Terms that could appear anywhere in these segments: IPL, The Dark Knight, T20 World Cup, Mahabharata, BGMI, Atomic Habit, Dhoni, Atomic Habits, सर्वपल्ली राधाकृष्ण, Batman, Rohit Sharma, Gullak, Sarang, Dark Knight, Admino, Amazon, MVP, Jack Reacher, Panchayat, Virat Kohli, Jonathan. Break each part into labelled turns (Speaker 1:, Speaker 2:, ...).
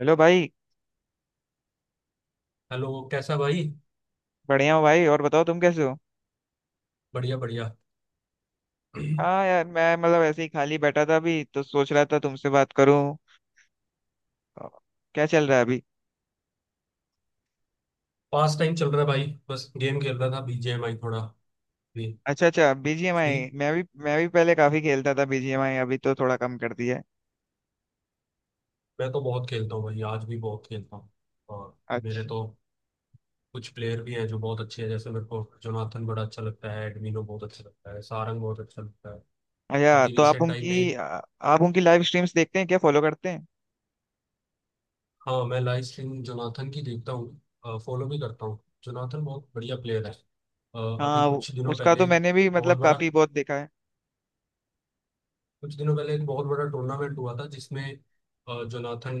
Speaker 1: Hello भाई।
Speaker 2: Hello, कैसा भाई।
Speaker 1: बढ़िया हो भाई। और बताओ तुम कैसे हो।
Speaker 2: बढ़िया बढ़िया।
Speaker 1: हाँ यार मैं मतलब ऐसे ही खाली बैठा था। अभी तो सोच रहा था तुमसे बात करूं। अ, क्या चल रहा है अभी।
Speaker 2: पास टाइम चल रहा है भाई, बस गेम खेल रहा था बीजीएमआई थोड़ा। फ्री।
Speaker 1: अच्छा अच्छा।
Speaker 2: फ्री।
Speaker 1: बीजीएमआई मैं भी पहले काफी खेलता था बीजीएमआई। अभी तो थोड़ा कम कर दिया है।
Speaker 2: मैं तो बहुत खेलता हूँ भाई, आज भी बहुत खेलता हूँ। और मेरे
Speaker 1: अच्छा
Speaker 2: तो कुछ प्लेयर भी हैं जो बहुत अच्छे हैं, जैसे मेरे को जोनाथन बड़ा अच्छा लगता है, एडमिनो बहुत अच्छा लगता है, सारंग बहुत अच्छा लगता है।
Speaker 1: अच्छा,
Speaker 2: अभी
Speaker 1: तो आप
Speaker 2: रिसेंट टाइम
Speaker 1: उनकी
Speaker 2: में।
Speaker 1: आप उनकी लाइव स्ट्रीम्स देखते हैं क्या, फॉलो करते हैं?
Speaker 2: हाँ, मैं लाइव स्ट्रीम जोनाथन की देखता हूँ, फॉलो भी करता हूँ। जोनाथन बहुत बढ़िया प्लेयर है। अ, अभी
Speaker 1: हाँ,
Speaker 2: कुछ दिनों
Speaker 1: उसका
Speaker 2: पहले
Speaker 1: तो
Speaker 2: एक
Speaker 1: मैंने भी मतलब
Speaker 2: बहुत बड़ा
Speaker 1: काफी बहुत देखा है।
Speaker 2: कुछ दिनों पहले एक बहुत बड़ा टूर्नामेंट हुआ था जिसमें जोनाथन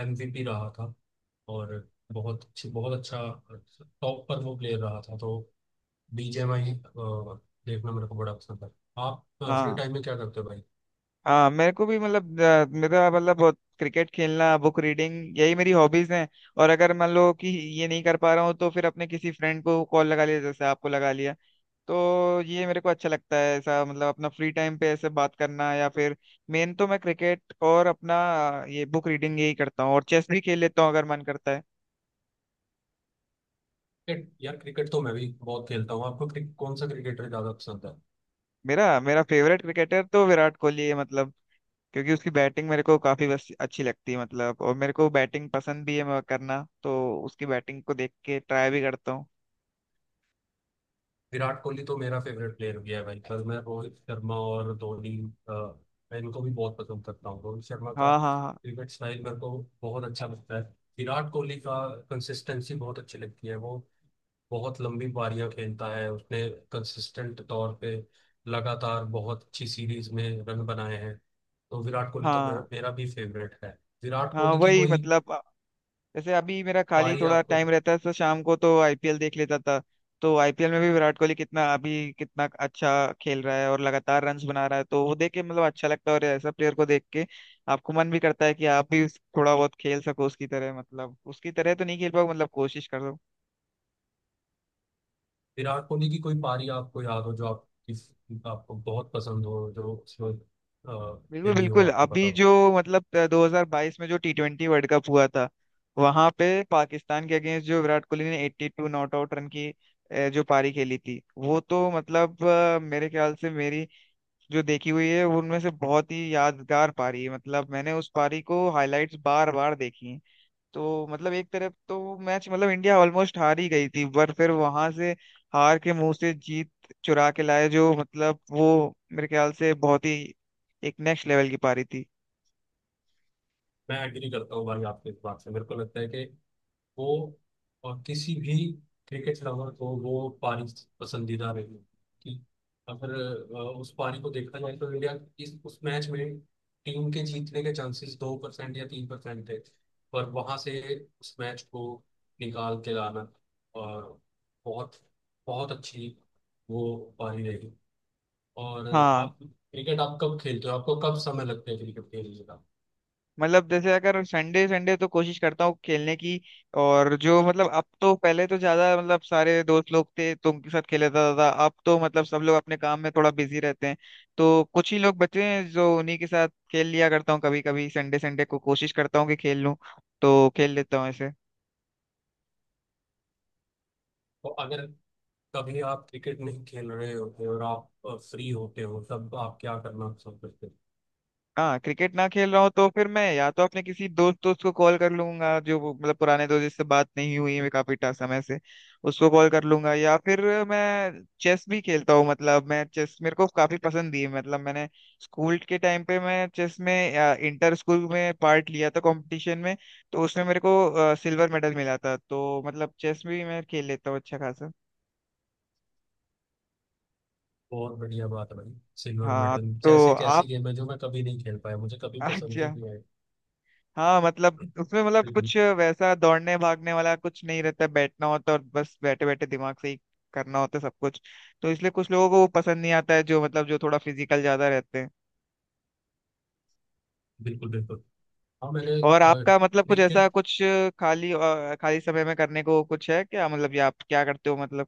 Speaker 2: एमवीपी रहा था। और बहुत अच्छा, टॉप पर वो प्लेयर रहा था। तो बीजेएमआई देखना मेरे को बड़ा पसंद है। आप फ्री
Speaker 1: हाँ
Speaker 2: टाइम में क्या करते हो भाई?
Speaker 1: हाँ, मेरे को भी मतलब मेरा मतलब बहुत क्रिकेट खेलना, बुक रीडिंग, यही मेरी हॉबीज हैं। और अगर मान लो कि ये नहीं कर पा रहा हूँ तो फिर अपने किसी फ्रेंड को कॉल लगा लिया, जैसे आपको लगा लिया। तो ये मेरे को अच्छा लगता है ऐसा, मतलब अपना फ्री टाइम पे ऐसे बात करना, या फिर मेन तो मैं क्रिकेट और अपना ये बुक रीडिंग यही करता हूँ। और चेस भी खेल लेता हूँ अगर मन करता है।
Speaker 2: क्रिकेट यार, क्रिकेट तो मैं भी बहुत खेलता हूँ। आपको कौन सा क्रिकेटर ज्यादा पसंद है?
Speaker 1: मेरा मेरा फेवरेट क्रिकेटर तो विराट कोहली है, मतलब क्योंकि उसकी बैटिंग मेरे को काफी बस अच्छी लगती है, मतलब और मेरे को बैटिंग पसंद भी है, मैं करना तो उसकी बैटिंग को देख के ट्राई भी करता हूँ।
Speaker 2: विराट कोहली तो मेरा फेवरेट प्लेयर भी है भाई, पर मैं रोहित शर्मा और धोनी, अ, मैं इनको भी बहुत पसंद करता हूँ। रोहित शर्मा का
Speaker 1: हाँ हाँ हाँ।
Speaker 2: क्रिकेट स्टाइल मेरे को बहुत अच्छा लगता है। विराट कोहली का कंसिस्टेंसी बहुत अच्छी लगती है। वो बहुत लंबी पारियां खेलता है, उसने कंसिस्टेंट तौर पे लगातार बहुत अच्छी सीरीज में रन बनाए हैं। तो विराट कोहली तो मेरा
Speaker 1: हाँ,
Speaker 2: मेरा भी फेवरेट है। विराट
Speaker 1: हाँ
Speaker 2: कोहली की
Speaker 1: वही
Speaker 2: कोई
Speaker 1: मतलब जैसे अभी मेरा खाली
Speaker 2: पारी
Speaker 1: थोड़ा
Speaker 2: आपको
Speaker 1: टाइम रहता है तो शाम को तो आईपीएल देख लेता था। तो आईपीएल में भी विराट कोहली कितना अभी कितना अच्छा खेल रहा है और लगातार रन्स बना रहा है, तो वो देख के मतलब अच्छा लगता है। और ऐसा प्लेयर को देख के आपको मन भी करता है कि आप भी थोड़ा बहुत खेल सको उसकी तरह, मतलब उसकी तरह तो नहीं खेल पाओ, मतलब कोशिश कर।
Speaker 2: विराट कोहली की कोई पारी आपको याद हो, जो आप किस आपको बहुत पसंद हो, जो उसमें
Speaker 1: बिल्कुल
Speaker 2: खेली हो,
Speaker 1: बिल्कुल।
Speaker 2: आपको पता
Speaker 1: अभी
Speaker 2: हो?
Speaker 1: जो मतलब 2022 में जो टी ट्वेंटी वर्ल्ड कप हुआ था, वहां पे पाकिस्तान के अगेंस्ट जो विराट कोहली ने 82 नॉट आउट रन की जो पारी खेली थी, वो तो मतलब मेरे ख्याल से मेरी जो देखी हुई है वो उनमें से बहुत ही यादगार पारी है। मतलब मैंने उस पारी को हाईलाइट्स बार बार देखी। तो मतलब एक तरफ तो मैच मतलब इंडिया ऑलमोस्ट हार ही गई थी, पर फिर वहां से हार के मुंह से जीत चुरा के लाए, जो मतलब वो मेरे ख्याल से बहुत ही एक नेक्स्ट लेवल की पारी थी।
Speaker 2: मैं एग्री करता हूँ भाई आपके इस बात से। मेरे को लगता है कि वो और किसी भी क्रिकेट लवर को वो पानी पसंदीदा रही, कि अगर उस पारी को देखा जाए तो इंडिया इस उस मैच में टीम के जीतने के चांसेस 2% या 3% थे। पर वहां से उस मैच को निकाल के लाना, और बहुत बहुत अच्छी वो पारी रही। और
Speaker 1: हाँ
Speaker 2: आप कब खेलते हो, आपको कब समय लगता है क्रिकेट खेलने का?
Speaker 1: मतलब जैसे अगर संडे संडे तो कोशिश करता हूँ खेलने की। और जो मतलब अब तो पहले तो ज्यादा मतलब सारे दोस्त लोग थे तो उनके साथ खेलता था, अब तो मतलब सब लोग अपने काम में थोड़ा बिजी रहते हैं। तो कुछ ही लोग बचे हैं, जो उन्हीं के साथ खेल लिया करता हूँ। कभी कभी संडे संडे को कोशिश करता हूँ कि खेल लूँ, तो खेल लेता हूँ ऐसे।
Speaker 2: तो अगर कभी आप क्रिकेट नहीं खेल रहे होते और आप फ्री होते हो, तब आप क्या करना पसंद करते हो?
Speaker 1: हाँ, क्रिकेट ना खेल रहा हूँ तो फिर मैं या तो अपने किसी दोस्त दोस्त को कॉल कर लूंगा जो मतलब पुराने दोस्त जिससे बात नहीं हुई है काफी समय से, उसको कॉल कर लूंगा। या फिर मैं चेस भी खेलता हूँ। मतलब मैं चेस मेरे को काफी पसंद है, मतलब मैंने स्कूल के टाइम पे मैं चेस में इंटर स्कूल में पार्ट लिया था कंपटीशन में। तो उसमें मेरे को सिल्वर मेडल मिला था। तो मतलब चेस भी मैं खेल लेता हूँ अच्छा खासा।
Speaker 2: बहुत बढ़िया बात है भाई। सिल्वर
Speaker 1: हाँ।
Speaker 2: मेडल
Speaker 1: तो
Speaker 2: जैसे कैसी
Speaker 1: आप
Speaker 2: गेम है जो मैं कभी नहीं खेल पाया, मुझे कभी पसंद ही
Speaker 1: अच्छा।
Speaker 2: नहीं आई।
Speaker 1: हाँ मतलब उसमें मतलब
Speaker 2: बिल्कुल,
Speaker 1: कुछ वैसा दौड़ने भागने वाला कुछ नहीं रहता, बैठना होता, और बस बैठे बैठे दिमाग से ही करना होता सब कुछ। तो इसलिए कुछ लोगों को वो पसंद नहीं आता है, जो मतलब जो थोड़ा फिजिकल ज्यादा रहते हैं।
Speaker 2: बिल्कुल, बिल्कुल। हाँ, मैंने
Speaker 1: और आपका मतलब कुछ ऐसा
Speaker 2: क्रिकेट।
Speaker 1: कुछ खाली खाली समय में करने को कुछ है क्या, मतलब या आप क्या करते हो मतलब?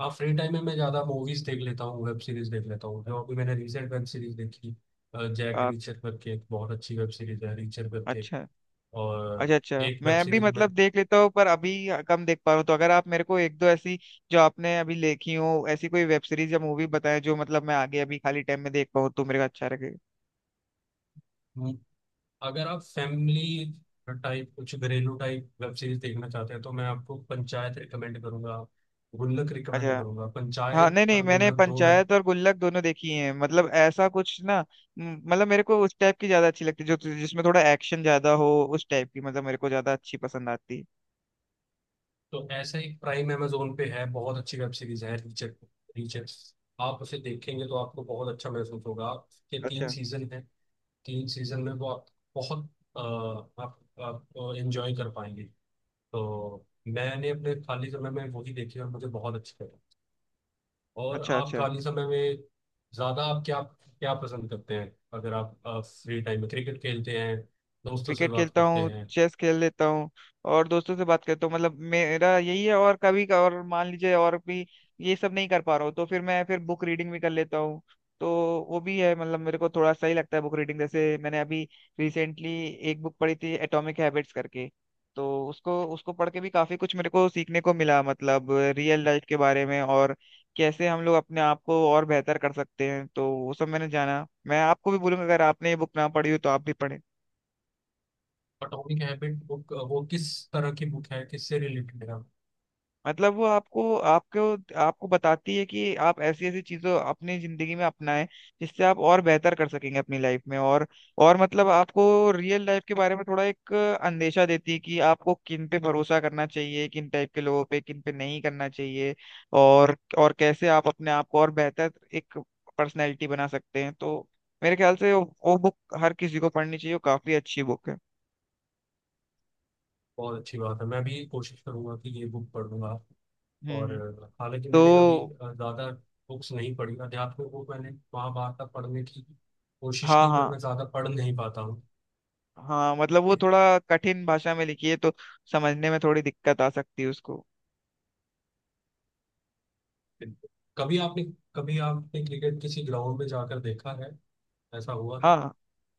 Speaker 2: हाँ, फ्री टाइम में मैं ज़्यादा मूवीज़ देख लेता हूँ, वेब सीरीज़ देख लेता हूँ। जो अभी मैंने रिसेंट वेब सीरीज़ देखी, जैक
Speaker 1: अ,
Speaker 2: रीचर करके, एक बहुत अच्छी वेब सीरीज़ है, रीचर करके।
Speaker 1: अच्छा अच्छा।
Speaker 2: और
Speaker 1: अच्छा
Speaker 2: एक वेब
Speaker 1: मैं भी
Speaker 2: सीरीज
Speaker 1: मतलब देख लेता हूँ, पर अभी कम देख पा रहा हूँ। तो अगर आप मेरे को एक दो ऐसी जो आपने अभी लिखी हो, ऐसी कोई वेब सीरीज या मूवी बताएं, जो मतलब मैं आगे अभी खाली टाइम में देख पाऊँ तो मेरे को अच्छा लगेगा।
Speaker 2: में, अगर आप फैमिली टाइप कुछ घरेलू टाइप वेब सीरीज देखना चाहते हैं तो मैं आपको पंचायत रिकमेंड करूंगा, गुल्लक रिकमेंड
Speaker 1: अच्छा।
Speaker 2: करूंगा।
Speaker 1: हाँ
Speaker 2: पंचायत
Speaker 1: नहीं नहीं,
Speaker 2: और
Speaker 1: मैंने
Speaker 2: गुल्लक दो वेब।
Speaker 1: पंचायत और गुल्लक दोनों देखी हैं। मतलब ऐसा कुछ ना मतलब मेरे को उस टाइप की ज्यादा अच्छी लगती है, जो जिसमें थोड़ा एक्शन ज्यादा हो, उस टाइप की मतलब मेरे को ज्यादा अच्छी पसंद आती है।
Speaker 2: तो ऐसा एक प्राइम अमेजोन पे है, बहुत अच्छी वेब सीरीज है, रीचेक, रीचेक। आप उसे देखेंगे तो आपको बहुत अच्छा महसूस होगा। के तीन
Speaker 1: अच्छा
Speaker 2: सीजन है, तीन सीजन में वो आप बहुत अ, आप एंजॉय कर पाएंगे। तो मैंने अपने खाली समय में वही देखी और मुझे बहुत अच्छी लगी। और
Speaker 1: अच्छा।
Speaker 2: आप
Speaker 1: अच्छा,
Speaker 2: खाली समय में ज्यादा आप क्या क्या पसंद करते हैं? अगर आप फ्री टाइम में क्रिकेट खेलते हैं, दोस्तों से
Speaker 1: क्रिकेट
Speaker 2: बात
Speaker 1: खेलता
Speaker 2: करते
Speaker 1: हूँ,
Speaker 2: हैं?
Speaker 1: चेस खेल लेता हूँ और दोस्तों से बात करता हूँ, मतलब मेरा यही है। और कभी का और मान लीजिए और भी ये सब नहीं कर पा रहा हूँ, तो फिर मैं फिर बुक रीडिंग भी कर लेता हूँ। तो वो भी है, मतलब मेरे को थोड़ा सही लगता है बुक रीडिंग। जैसे मैंने अभी रिसेंटली एक बुक पढ़ी थी एटॉमिक हैबिट्स करके। तो उसको उसको पढ़ के भी काफी कुछ मेरे को सीखने को मिला, मतलब रियल लाइफ के बारे में, और कैसे हम लोग अपने आप को और बेहतर कर सकते हैं। तो वो सब मैंने जाना। मैं आपको भी बोलूंगा, अगर आपने ये बुक ना पढ़ी हो तो आप भी पढ़ें।
Speaker 2: एटॉमिक हैबिट बुक वो किस तरह की बुक है, किससे रिलेटेड है?
Speaker 1: मतलब वो आपको आपको आपको बताती है कि आप ऐसी ऐसी चीजों अपनी जिंदगी में अपनाएं, जिससे आप और बेहतर कर सकेंगे अपनी लाइफ में। और मतलब आपको रियल लाइफ के बारे में थोड़ा एक अंदेशा देती है कि आपको किन पे भरोसा करना चाहिए, किन टाइप के लोगों पे, किन पे नहीं करना चाहिए। और कैसे आप अपने आप को और बेहतर एक पर्सनैलिटी बना सकते हैं। तो मेरे ख्याल से वो बुक हर किसी को पढ़नी चाहिए, वो काफी अच्छी बुक है।
Speaker 2: बहुत अच्छी बात है, मैं भी कोशिश करूंगा कि ये बुक पढ़ूंगा।
Speaker 1: हम्म
Speaker 2: और
Speaker 1: हम्म।
Speaker 2: हालांकि मैंने कभी
Speaker 1: तो
Speaker 2: ज्यादा बुक्स नहीं पढ़ी। अध्यात्म बुक मैंने महाभारत तक पढ़ने की कोशिश
Speaker 1: हाँ
Speaker 2: की, पर
Speaker 1: हाँ
Speaker 2: मैं ज्यादा पढ़ नहीं पाता हूँ।
Speaker 1: हाँ, मतलब वो थोड़ा कठिन भाषा में लिखी है, तो समझने में थोड़ी दिक्कत आ सकती है उसको।
Speaker 2: कभी आपने कभी आपने क्रिकेट किसी ग्राउंड में जाकर देखा है, ऐसा हुआ
Speaker 1: हाँ
Speaker 2: है?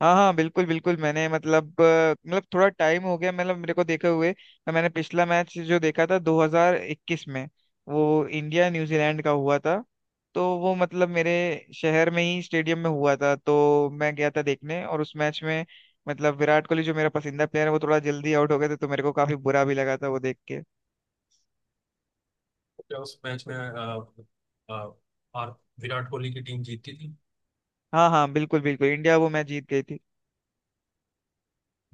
Speaker 1: हाँ, हाँ बिल्कुल बिल्कुल। मैंने मतलब मतलब थोड़ा टाइम हो गया मतलब मेरे को देखे हुए। तो मैंने पिछला मैच जो देखा था 2021 में, वो इंडिया न्यूजीलैंड का हुआ था। तो वो मतलब मेरे शहर में ही स्टेडियम में हुआ था, तो मैं गया था देखने। और उस मैच में मतलब विराट कोहली जो मेरा पसंदीदा प्लेयर है वो थोड़ा जल्दी आउट हो गए थे, तो मेरे को काफी बुरा भी लगा था वो देख के।
Speaker 2: क्या उस मैच में आ, आ, आर, विराट कोहली की टीम जीती थी?
Speaker 1: हाँ हाँ, बिल्कुल बिल्कुल, इंडिया वो मैच जीत गई थी।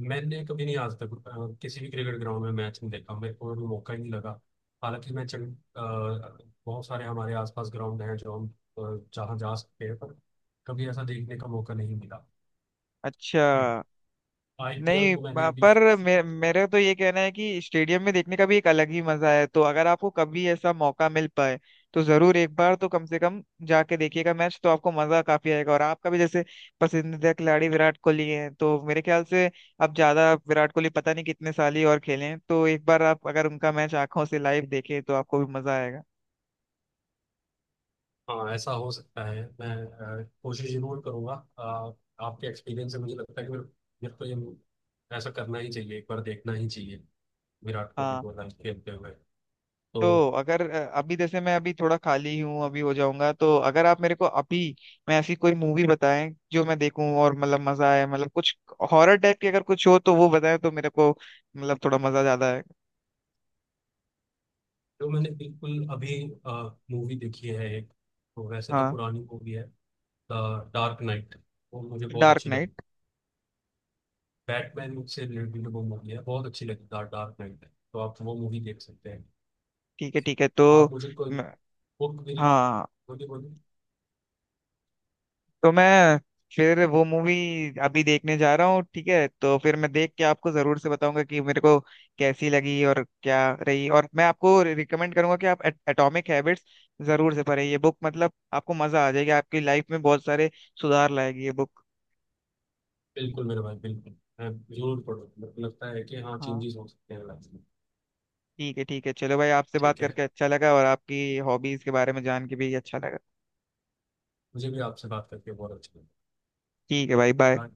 Speaker 2: मैंने कभी नहीं आज तक किसी भी क्रिकेट ग्राउंड में मैच नहीं देखा, मेरे को भी मौका ही नहीं लगा। हालांकि मैं चंड, बहुत सारे हमारे आसपास ग्राउंड हैं जो जहाँ जा सकते हैं, पर कभी ऐसा देखने का मौका नहीं मिला।
Speaker 1: अच्छा। नहीं
Speaker 2: आईपीएल को मैंने अभी।
Speaker 1: पर मेरे तो ये कहना है कि स्टेडियम में देखने का भी एक अलग ही मजा है। तो अगर आपको कभी ऐसा मौका मिल पाए तो जरूर एक बार तो कम से कम जाके देखिएगा मैच, तो आपको मजा काफी आएगा। और आपका भी जैसे पसंदीदा खिलाड़ी विराट कोहली है, तो मेरे ख्याल से अब ज्यादा विराट कोहली पता नहीं कितने साल ही और खेले हैं। तो एक बार आप अगर उनका मैच आंखों से लाइव देखें तो आपको भी मजा आएगा।
Speaker 2: हाँ, ऐसा हो सकता है, मैं कोशिश जरूर करूंगा। अ, आपके एक्सपीरियंस से मुझे लगता है कि मेरे मेरे को ये ऐसा करना ही चाहिए, एक बार देखना ही चाहिए विराट कोहली
Speaker 1: हाँ,
Speaker 2: को लाइक खेलते हुए। तो
Speaker 1: तो अगर अभी जैसे मैं अभी थोड़ा खाली हूँ, अभी हो जाऊंगा, तो अगर आप मेरे को अभी मैं ऐसी कोई मूवी बताएं, जो मैं देखूं और मतलब मजा आए, मतलब कुछ हॉरर टाइप की अगर कुछ हो तो वो बताएं, तो मेरे को मतलब थोड़ा मजा ज्यादा है।
Speaker 2: जो मैंने बिल्कुल अभी मूवी देखी है एक, तो वैसे तो
Speaker 1: हाँ,
Speaker 2: पुरानी मूवी है, द डार्क नाइट, वो मुझे बहुत
Speaker 1: डार्क
Speaker 2: अच्छी
Speaker 1: नाइट?
Speaker 2: लगी। बैटमैन से रिलेटेड वो मूवी है, बहुत अच्छी लगी, द डार्क नाइट, तो आप वो मूवी देख सकते हैं।
Speaker 1: ठीक है ठीक है।
Speaker 2: आप मुझे कोई
Speaker 1: मैं-
Speaker 2: बुक भी
Speaker 1: हाँ
Speaker 2: बोलिए, बोलिए।
Speaker 1: तो मैं फिर वो मूवी अभी देखने जा रहा हूँ। ठीक है, तो फिर मैं देख के आपको जरूर से बताऊंगा कि मेरे को कैसी लगी और क्या रही। और मैं आपको रिकमेंड करूंगा कि आप एटॉमिक हैबिट्स जरूर से पढ़ें ये बुक। मतलब आपको मजा आ जाएगा, आपकी लाइफ में बहुत सारे सुधार लाएगी ये बुक।
Speaker 2: बिल्कुल मेरे भाई, बिल्कुल, मैं जरूर पढ़ूँ। मेरे को लगता है कि हाँ,
Speaker 1: हाँ
Speaker 2: चेंजेस हो सकते हैं लाइफ में।
Speaker 1: ठीक है ठीक है, चलो भाई, आपसे बात
Speaker 2: ठीक है।
Speaker 1: करके अच्छा लगा, और आपकी हॉबीज के बारे में जान के भी अच्छा लगा।
Speaker 2: मुझे भी आपसे बात करके बहुत अच्छा
Speaker 1: ठीक है भाई, बाय।
Speaker 2: लगा।